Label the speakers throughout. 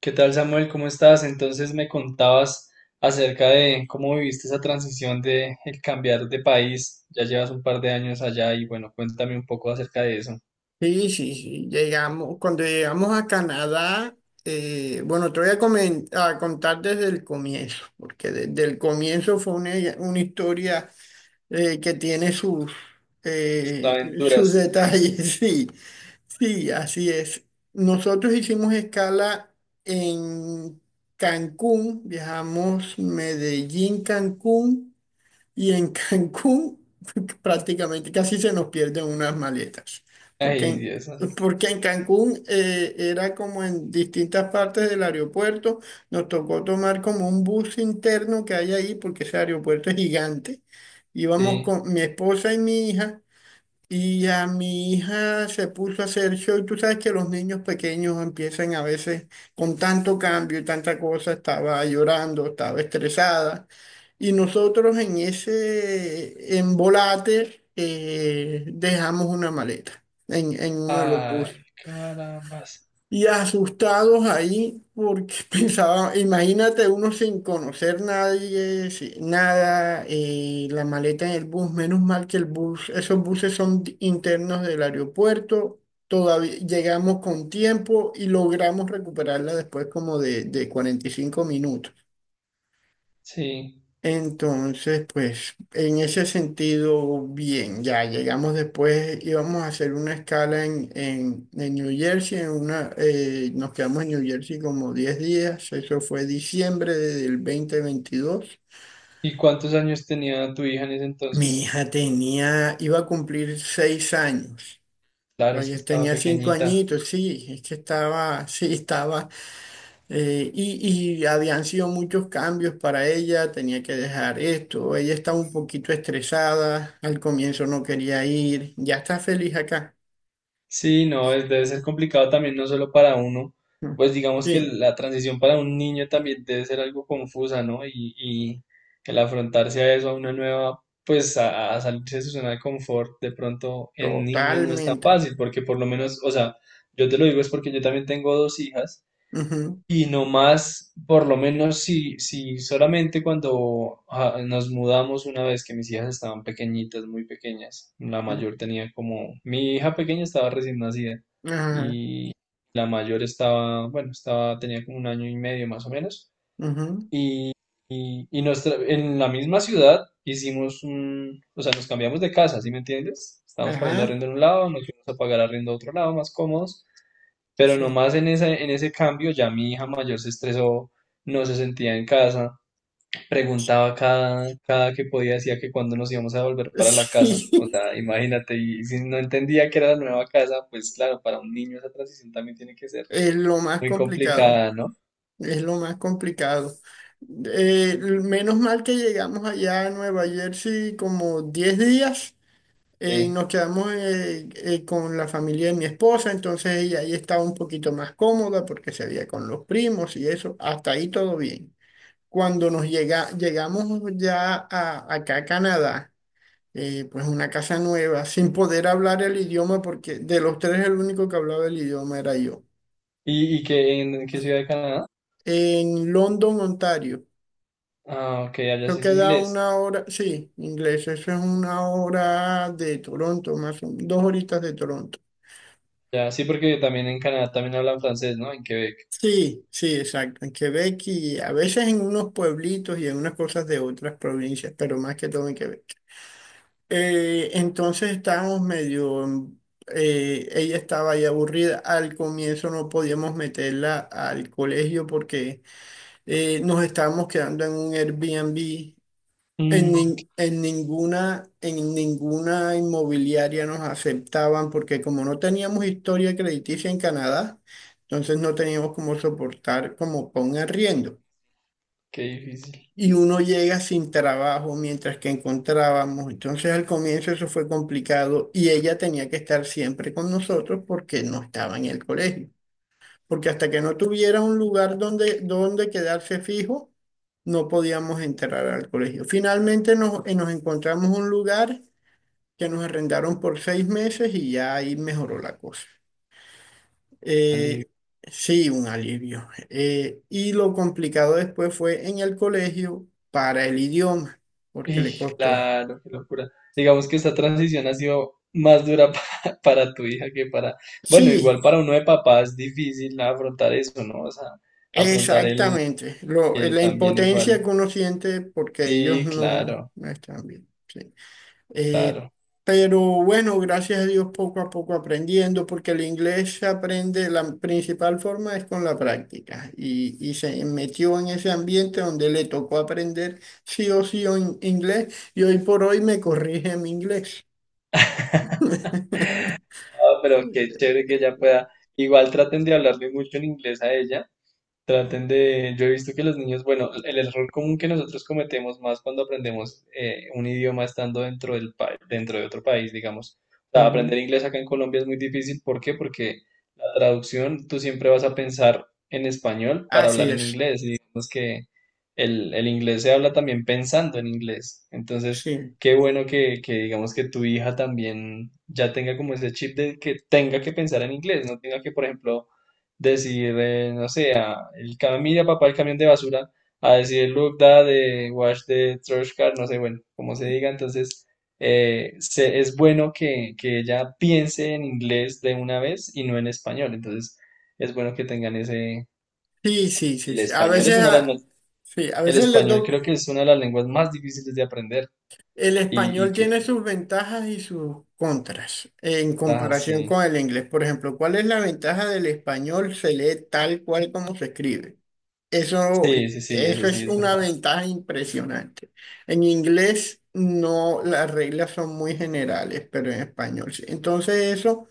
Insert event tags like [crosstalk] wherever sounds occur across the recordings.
Speaker 1: ¿Qué tal, Samuel? ¿Cómo estás? Entonces me contabas acerca de cómo viviste esa transición de el cambiar de país. Ya llevas un par de años allá y bueno, cuéntame un poco acerca de eso.
Speaker 2: Sí, sí, sí. Llegamos, cuando llegamos a Canadá, bueno, te voy a, comen- a contar desde el comienzo, porque desde el comienzo fue una historia que tiene
Speaker 1: Tus
Speaker 2: sus
Speaker 1: aventuras.
Speaker 2: detalles, [laughs] sí, sí, así es. Nosotros hicimos escala en Cancún, viajamos Medellín, Cancún. Y en Cancún [laughs] prácticamente casi se nos pierden unas maletas, porque
Speaker 1: Ay,
Speaker 2: en,
Speaker 1: Dios santo.
Speaker 2: porque en Cancún era como en distintas partes del aeropuerto, nos tocó tomar como un bus interno que hay ahí, porque ese aeropuerto es gigante. Íbamos
Speaker 1: Sí.
Speaker 2: con mi esposa y mi hija, y a mi hija se puso a hacer show. Y tú sabes que los niños pequeños empiezan a veces con tanto cambio y tanta cosa, estaba llorando, estaba estresada. Y nosotros en ese embolate dejamos una maleta en uno de los buses,
Speaker 1: Ay, carambas.
Speaker 2: y asustados ahí porque [laughs] pensaba, imagínate uno sin conocer nadie, nada, la maleta en el bus, menos mal que el bus, esos buses son internos del aeropuerto, todavía llegamos con tiempo y logramos recuperarla después como de 45 minutos.
Speaker 1: Sí.
Speaker 2: Entonces, pues en ese sentido, bien, ya llegamos después, íbamos a hacer una escala en New Jersey, en una, nos quedamos en New Jersey como 10 días, eso fue diciembre del 2022.
Speaker 1: ¿Y cuántos años tenía tu hija en ese
Speaker 2: Mi
Speaker 1: entonces?
Speaker 2: hija tenía, iba a cumplir 6 años.
Speaker 1: Claro, es que
Speaker 2: Oye,
Speaker 1: estaba
Speaker 2: tenía 5
Speaker 1: pequeñita.
Speaker 2: añitos, sí, es que estaba, [laughs] sí, estaba. Y, y habían sido muchos cambios para ella, tenía que dejar esto, ella estaba un poquito estresada, al comienzo no quería ir, ya está feliz acá.
Speaker 1: Sí, no, es, debe ser complicado también, no solo para uno,
Speaker 2: Mm,
Speaker 1: pues digamos que
Speaker 2: sí,
Speaker 1: la transición para un niño también debe ser algo confusa, ¿no? Y el afrontarse a eso, a una nueva, pues a salirse de su zona de confort, de pronto en niños no es tan
Speaker 2: totalmente.
Speaker 1: fácil, porque por lo menos, o sea, yo te lo digo es porque yo también tengo dos hijas
Speaker 2: Ujú,
Speaker 1: y no más, por lo menos si, si solamente cuando nos mudamos una vez que mis hijas estaban pequeñitas, muy pequeñas, la
Speaker 2: mm,
Speaker 1: mayor tenía como, mi hija pequeña estaba recién nacida
Speaker 2: ajá,
Speaker 1: y la mayor estaba, bueno, estaba, tenía como un año y medio más o menos.
Speaker 2: ujú,
Speaker 1: Y nos tra- en la misma ciudad hicimos un, o sea, nos cambiamos de casa, ¿sí me entiendes? Estábamos pagando
Speaker 2: ajá,
Speaker 1: arriendo en un lado, nos fuimos a pagar arriendo a otro lado, más cómodos. Pero
Speaker 2: sí.
Speaker 1: nomás en ese cambio ya mi hija mayor se estresó, no se sentía en casa, preguntaba cada, cada que podía, decía que cuándo nos íbamos a volver
Speaker 2: [laughs]
Speaker 1: para la casa. O
Speaker 2: Sí,
Speaker 1: sea, imagínate, y si no entendía que era la nueva casa, pues claro, para un niño esa transición también tiene que ser
Speaker 2: es lo más
Speaker 1: muy
Speaker 2: complicado,
Speaker 1: complicada, ¿no?
Speaker 2: es lo más complicado. Eh, Menos mal que llegamos allá a Nueva Jersey como 10 días y
Speaker 1: Sí.
Speaker 2: nos quedamos con la familia de mi esposa, entonces ella ahí estaba un poquito más cómoda porque se veía con los primos y eso, hasta ahí todo bien. Llegamos ya acá a Canadá, pues una casa nueva, [laughs] sin poder hablar el idioma porque de los tres el único que hablaba el idioma era yo.
Speaker 1: Y qué, en qué ciudad de Canadá?
Speaker 2: En London, Ontario.
Speaker 1: Ah, ok, allá sí
Speaker 2: Eso
Speaker 1: es
Speaker 2: queda
Speaker 1: inglés.
Speaker 2: una hora, sí, inglés, eso es una hora de Toronto, dos horitas de Toronto.
Speaker 1: Ya, sí, porque también en Canadá también hablan francés, ¿no? En Quebec.
Speaker 2: Sí, sí, exacto. En Quebec, y a veces en unos pueblitos y en unas cosas de otras provincias, pero más que todo en Quebec. Entonces estábamos ella estaba ahí aburrida. Al comienzo no podíamos meterla al colegio porque nos estábamos quedando en un Airbnb
Speaker 1: Mm,
Speaker 2: en ninguna inmobiliaria nos aceptaban porque como no teníamos historia crediticia en Canadá, entonces no teníamos como soportar como con un arriendo.
Speaker 1: qué difícil.
Speaker 2: Y uno llega sin trabajo mientras que encontrábamos. Entonces al comienzo eso fue complicado y ella tenía que estar siempre con nosotros porque no estaba en el colegio, porque hasta que no tuviera un lugar donde quedarse fijo, no podíamos entrar al colegio. Finalmente nos encontramos un lugar que nos arrendaron por 6 meses y ya ahí mejoró la cosa.
Speaker 1: Vale.
Speaker 2: Eh, sí, un alivio. Y lo complicado después fue en el colegio para el idioma, porque le
Speaker 1: Y
Speaker 2: costó.
Speaker 1: claro, qué locura. Digamos que esta transición ha sido más dura [laughs] pa- para, tu hija que para, bueno,
Speaker 2: Sí,
Speaker 1: igual para uno de papá es difícil afrontar eso, ¿no? O sea, afrontar el
Speaker 2: exactamente.
Speaker 1: que
Speaker 2: La
Speaker 1: también
Speaker 2: impotencia
Speaker 1: igual.
Speaker 2: que uno siente porque ellos
Speaker 1: Sí,
Speaker 2: no,
Speaker 1: claro,
Speaker 2: no están bien. Sí. Eh,
Speaker 1: claro.
Speaker 2: pero bueno, gracias a Dios poco a poco aprendiendo, porque el inglés se aprende, la principal forma es con la práctica. Y se metió en ese ambiente donde le tocó aprender sí o sí en inglés, y hoy por hoy me corrige mi inglés. [laughs]
Speaker 1: Ah, pero qué chévere que ella pueda. Igual traten de hablarle mucho en inglés a ella. Traten de, yo he visto que los niños, bueno, el error común que nosotros cometemos más cuando aprendemos un idioma estando dentro del pa- dentro de otro país, digamos. O sea,
Speaker 2: Ujú.
Speaker 1: aprender inglés acá en Colombia es muy difícil. ¿Por qué? Porque la traducción, tú siempre vas a pensar en español para
Speaker 2: Así
Speaker 1: hablar en
Speaker 2: es,
Speaker 1: inglés. Y digamos que el inglés se habla también pensando en inglés. Entonces,
Speaker 2: sí,
Speaker 1: qué bueno que digamos que tu hija también ya tenga como ese chip de que tenga que pensar en inglés, no tenga que, por ejemplo, decir, no sé, a el camilla papá, el camión de basura, a decir look that, wash the trash car, no sé, bueno, como se diga, entonces se- es bueno que ella piense en inglés de una vez y no en español, entonces es bueno que tengan ese,
Speaker 2: sí, sí, sí,
Speaker 1: el
Speaker 2: sí.
Speaker 1: español es una de las, más-
Speaker 2: Sí, a
Speaker 1: el
Speaker 2: veces le
Speaker 1: español
Speaker 2: toca.
Speaker 1: creo que es una de las lenguas más difíciles de aprender
Speaker 2: El
Speaker 1: y
Speaker 2: español tiene
Speaker 1: que,
Speaker 2: sus ventajas y sus contras en
Speaker 1: ah,
Speaker 2: comparación
Speaker 1: sí,
Speaker 2: con el inglés. Por ejemplo, ¿cuál es la ventaja del español? Se lee tal cual como se escribe. Eso,
Speaker 1: sí, sí, sí, eso
Speaker 2: eso
Speaker 1: sí
Speaker 2: es
Speaker 1: es
Speaker 2: una
Speaker 1: verdad.
Speaker 2: ventaja impresionante. En inglés no, las reglas son muy generales, pero en español sí. Entonces eso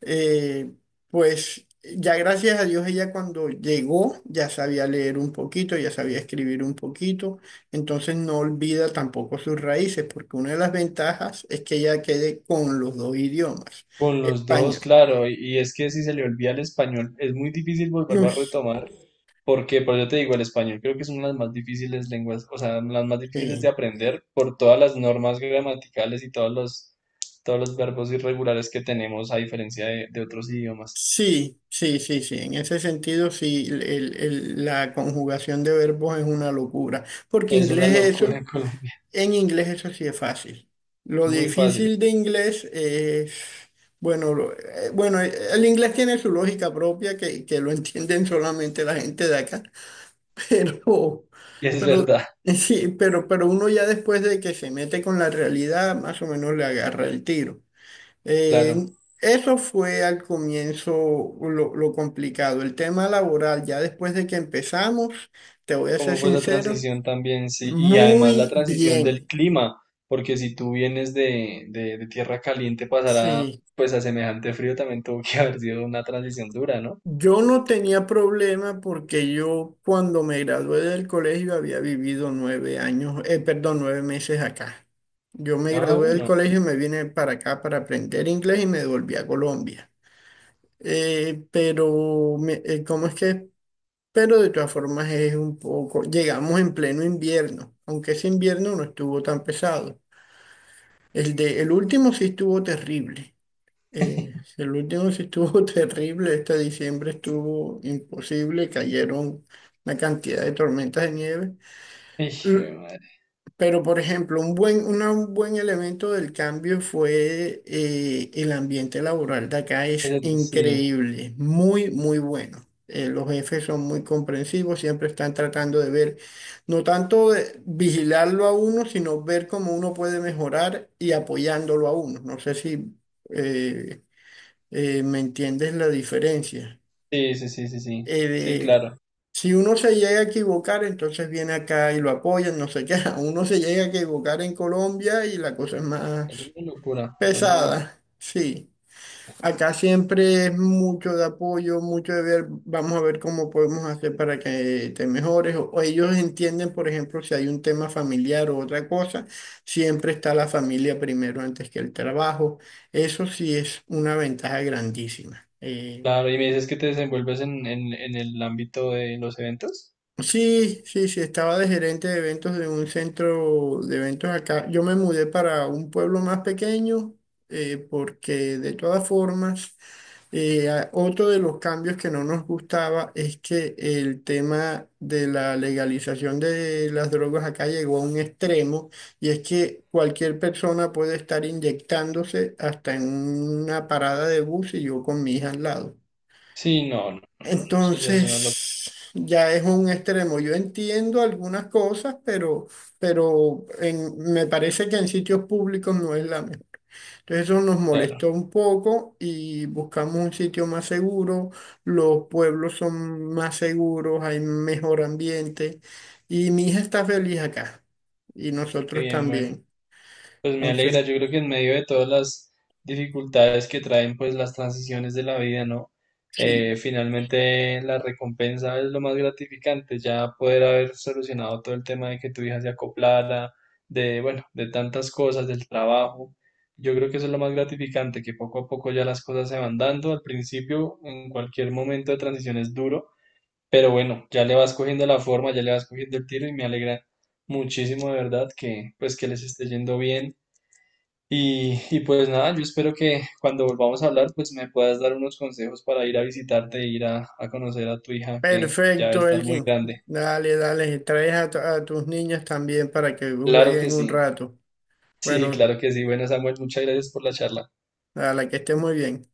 Speaker 2: eh, pues ya gracias a Dios ella cuando llegó ya sabía leer un poquito, ya sabía escribir un poquito, entonces no olvida tampoco sus raíces, porque una de las ventajas es que ella quede con los dos idiomas,
Speaker 1: Con los dos,
Speaker 2: español.
Speaker 1: claro, y es que si se le olvida el español, es muy difícil volverlo a
Speaker 2: Uy,
Speaker 1: retomar. Porque, pero yo te digo, el español creo que es una de las más difíciles lenguas, o sea, las más difíciles de
Speaker 2: sí.
Speaker 1: aprender por todas las normas gramaticales y todos los verbos irregulares que tenemos a diferencia de otros idiomas.
Speaker 2: Sí, sí, sí, sí. En ese sentido, sí, la conjugación de verbos es una locura, porque
Speaker 1: Es una
Speaker 2: inglés es
Speaker 1: locura
Speaker 2: eso.
Speaker 1: en Colombia,
Speaker 2: En inglés eso sí es fácil.
Speaker 1: [laughs]
Speaker 2: Lo
Speaker 1: es muy fácil,
Speaker 2: difícil de inglés es, bueno, bueno, el inglés tiene su lógica propia que lo entienden solamente la gente de acá, [laughs] pero,
Speaker 1: es verdad,
Speaker 2: sí, pero uno ya después de que se mete con la realidad, más o menos le agarra el tiro.
Speaker 1: claro.
Speaker 2: Eh, Eso fue al comienzo lo complicado. El tema laboral, ya después de que empezamos, te voy a ser
Speaker 1: ¿Cómo fue esa
Speaker 2: sincero,
Speaker 1: transición también? Sí, y además la
Speaker 2: muy
Speaker 1: transición del
Speaker 2: bien.
Speaker 1: clima, porque si tú vienes de tierra caliente pasará
Speaker 2: Sí.
Speaker 1: pues a semejante frío también tuvo que [laughs] haber sido una transición dura, ¿no?
Speaker 2: Yo no tenía problema porque yo cuando me gradué del colegio había vivido 9 años, perdón, 9 meses acá. Yo me
Speaker 1: Ah,
Speaker 2: gradué del
Speaker 1: bueno.
Speaker 2: colegio y me vine para acá para aprender inglés y me devolví a Colombia. ¿Cómo es que? Pero de todas formas es un poco, llegamos en pleno invierno, aunque ese invierno no estuvo tan pesado. El último sí estuvo terrible. El último sí estuvo [laughs] terrible, este diciembre estuvo imposible, cayeron una cantidad de tormentas de nieve.
Speaker 1: Hijo de
Speaker 2: L-
Speaker 1: madre.
Speaker 2: Pero, por ejemplo, un buen elemento del cambio fue el ambiente laboral de acá es
Speaker 1: Esa- sí.
Speaker 2: increíble, muy, muy bueno. Los jefes son muy comprensivos, siempre están tratando de ver, no tanto de vigilarlo a uno, sino ver cómo uno puede mejorar y apoyándolo a uno. No sé si... eh, ¿me entiendes la diferencia?
Speaker 1: Sí, sí, sí, sí, sí,
Speaker 2: Eh,
Speaker 1: sí,
Speaker 2: de-
Speaker 1: claro.
Speaker 2: si uno se llega a equivocar, entonces viene acá y lo apoyan, no sé qué. [laughs] Uno se llega a equivocar en Colombia y la cosa es
Speaker 1: Es
Speaker 2: más
Speaker 1: una locura, acá es una
Speaker 2: pesada.
Speaker 1: locura.
Speaker 2: Sí, acá siempre es mucho de apoyo, mucho de ver, vamos a ver cómo podemos hacer para que te mejores. O ellos entienden, por ejemplo, si hay un tema familiar o otra cosa, siempre está la familia primero antes que el trabajo. Eso sí es una ventaja grandísima.
Speaker 1: Claro, y me dices que te desenvuelves en el ámbito de los eventos.
Speaker 2: Sí, sí, sí, estaba de gerente de eventos de un centro de eventos acá. Yo me mudé para un pueblo más pequeño porque de todas formas, otro de los cambios que no nos gustaba es que el tema de la legalización de las drogas acá llegó a un extremo, y es que cualquier persona puede estar inyectándose hasta en una parada de bus y yo con mi hija al lado.
Speaker 1: Sí, no, no, no, no, eso ya es una locura,
Speaker 2: Entonces, ya es un extremo. Yo entiendo algunas cosas, pero, me parece que en sitios públicos no es la mejor. Entonces, eso nos
Speaker 1: claro.
Speaker 2: molestó un poco y buscamos un sitio más seguro. Los pueblos son más seguros, hay mejor ambiente y mi hija está feliz acá y
Speaker 1: Qué
Speaker 2: nosotros
Speaker 1: bien, bueno.
Speaker 2: también.
Speaker 1: Pues me alegra,
Speaker 2: Entonces,
Speaker 1: yo creo que en medio de todas las dificultades que traen pues las transiciones de la vida, ¿no?
Speaker 2: sí.
Speaker 1: Finalmente la recompensa es lo más gratificante, ya poder haber solucionado todo el tema de que tu hija se acoplara, de, bueno, de tantas cosas, del trabajo. Yo creo que eso es lo más gratificante, que poco a poco ya las cosas se van dando. Al principio, en cualquier momento de transición es duro, pero bueno, ya le vas cogiendo la forma, ya le vas cogiendo el tiro y me alegra muchísimo de verdad que pues que les esté yendo bien y pues nada, yo espero que cuando volvamos a hablar, pues me puedas dar unos consejos para ir a visitarte, ir a conocer a tu hija que ya va a
Speaker 2: Perfecto,
Speaker 1: estar muy
Speaker 2: Elkin.
Speaker 1: grande.
Speaker 2: Dale, dale. Traes a tus niñas también para que
Speaker 1: Claro que
Speaker 2: jueguen un
Speaker 1: sí.
Speaker 2: rato.
Speaker 1: Sí,
Speaker 2: Bueno,
Speaker 1: claro que sí. Bueno, Samuel, muchas gracias por la charla.
Speaker 2: a la que esté muy bien.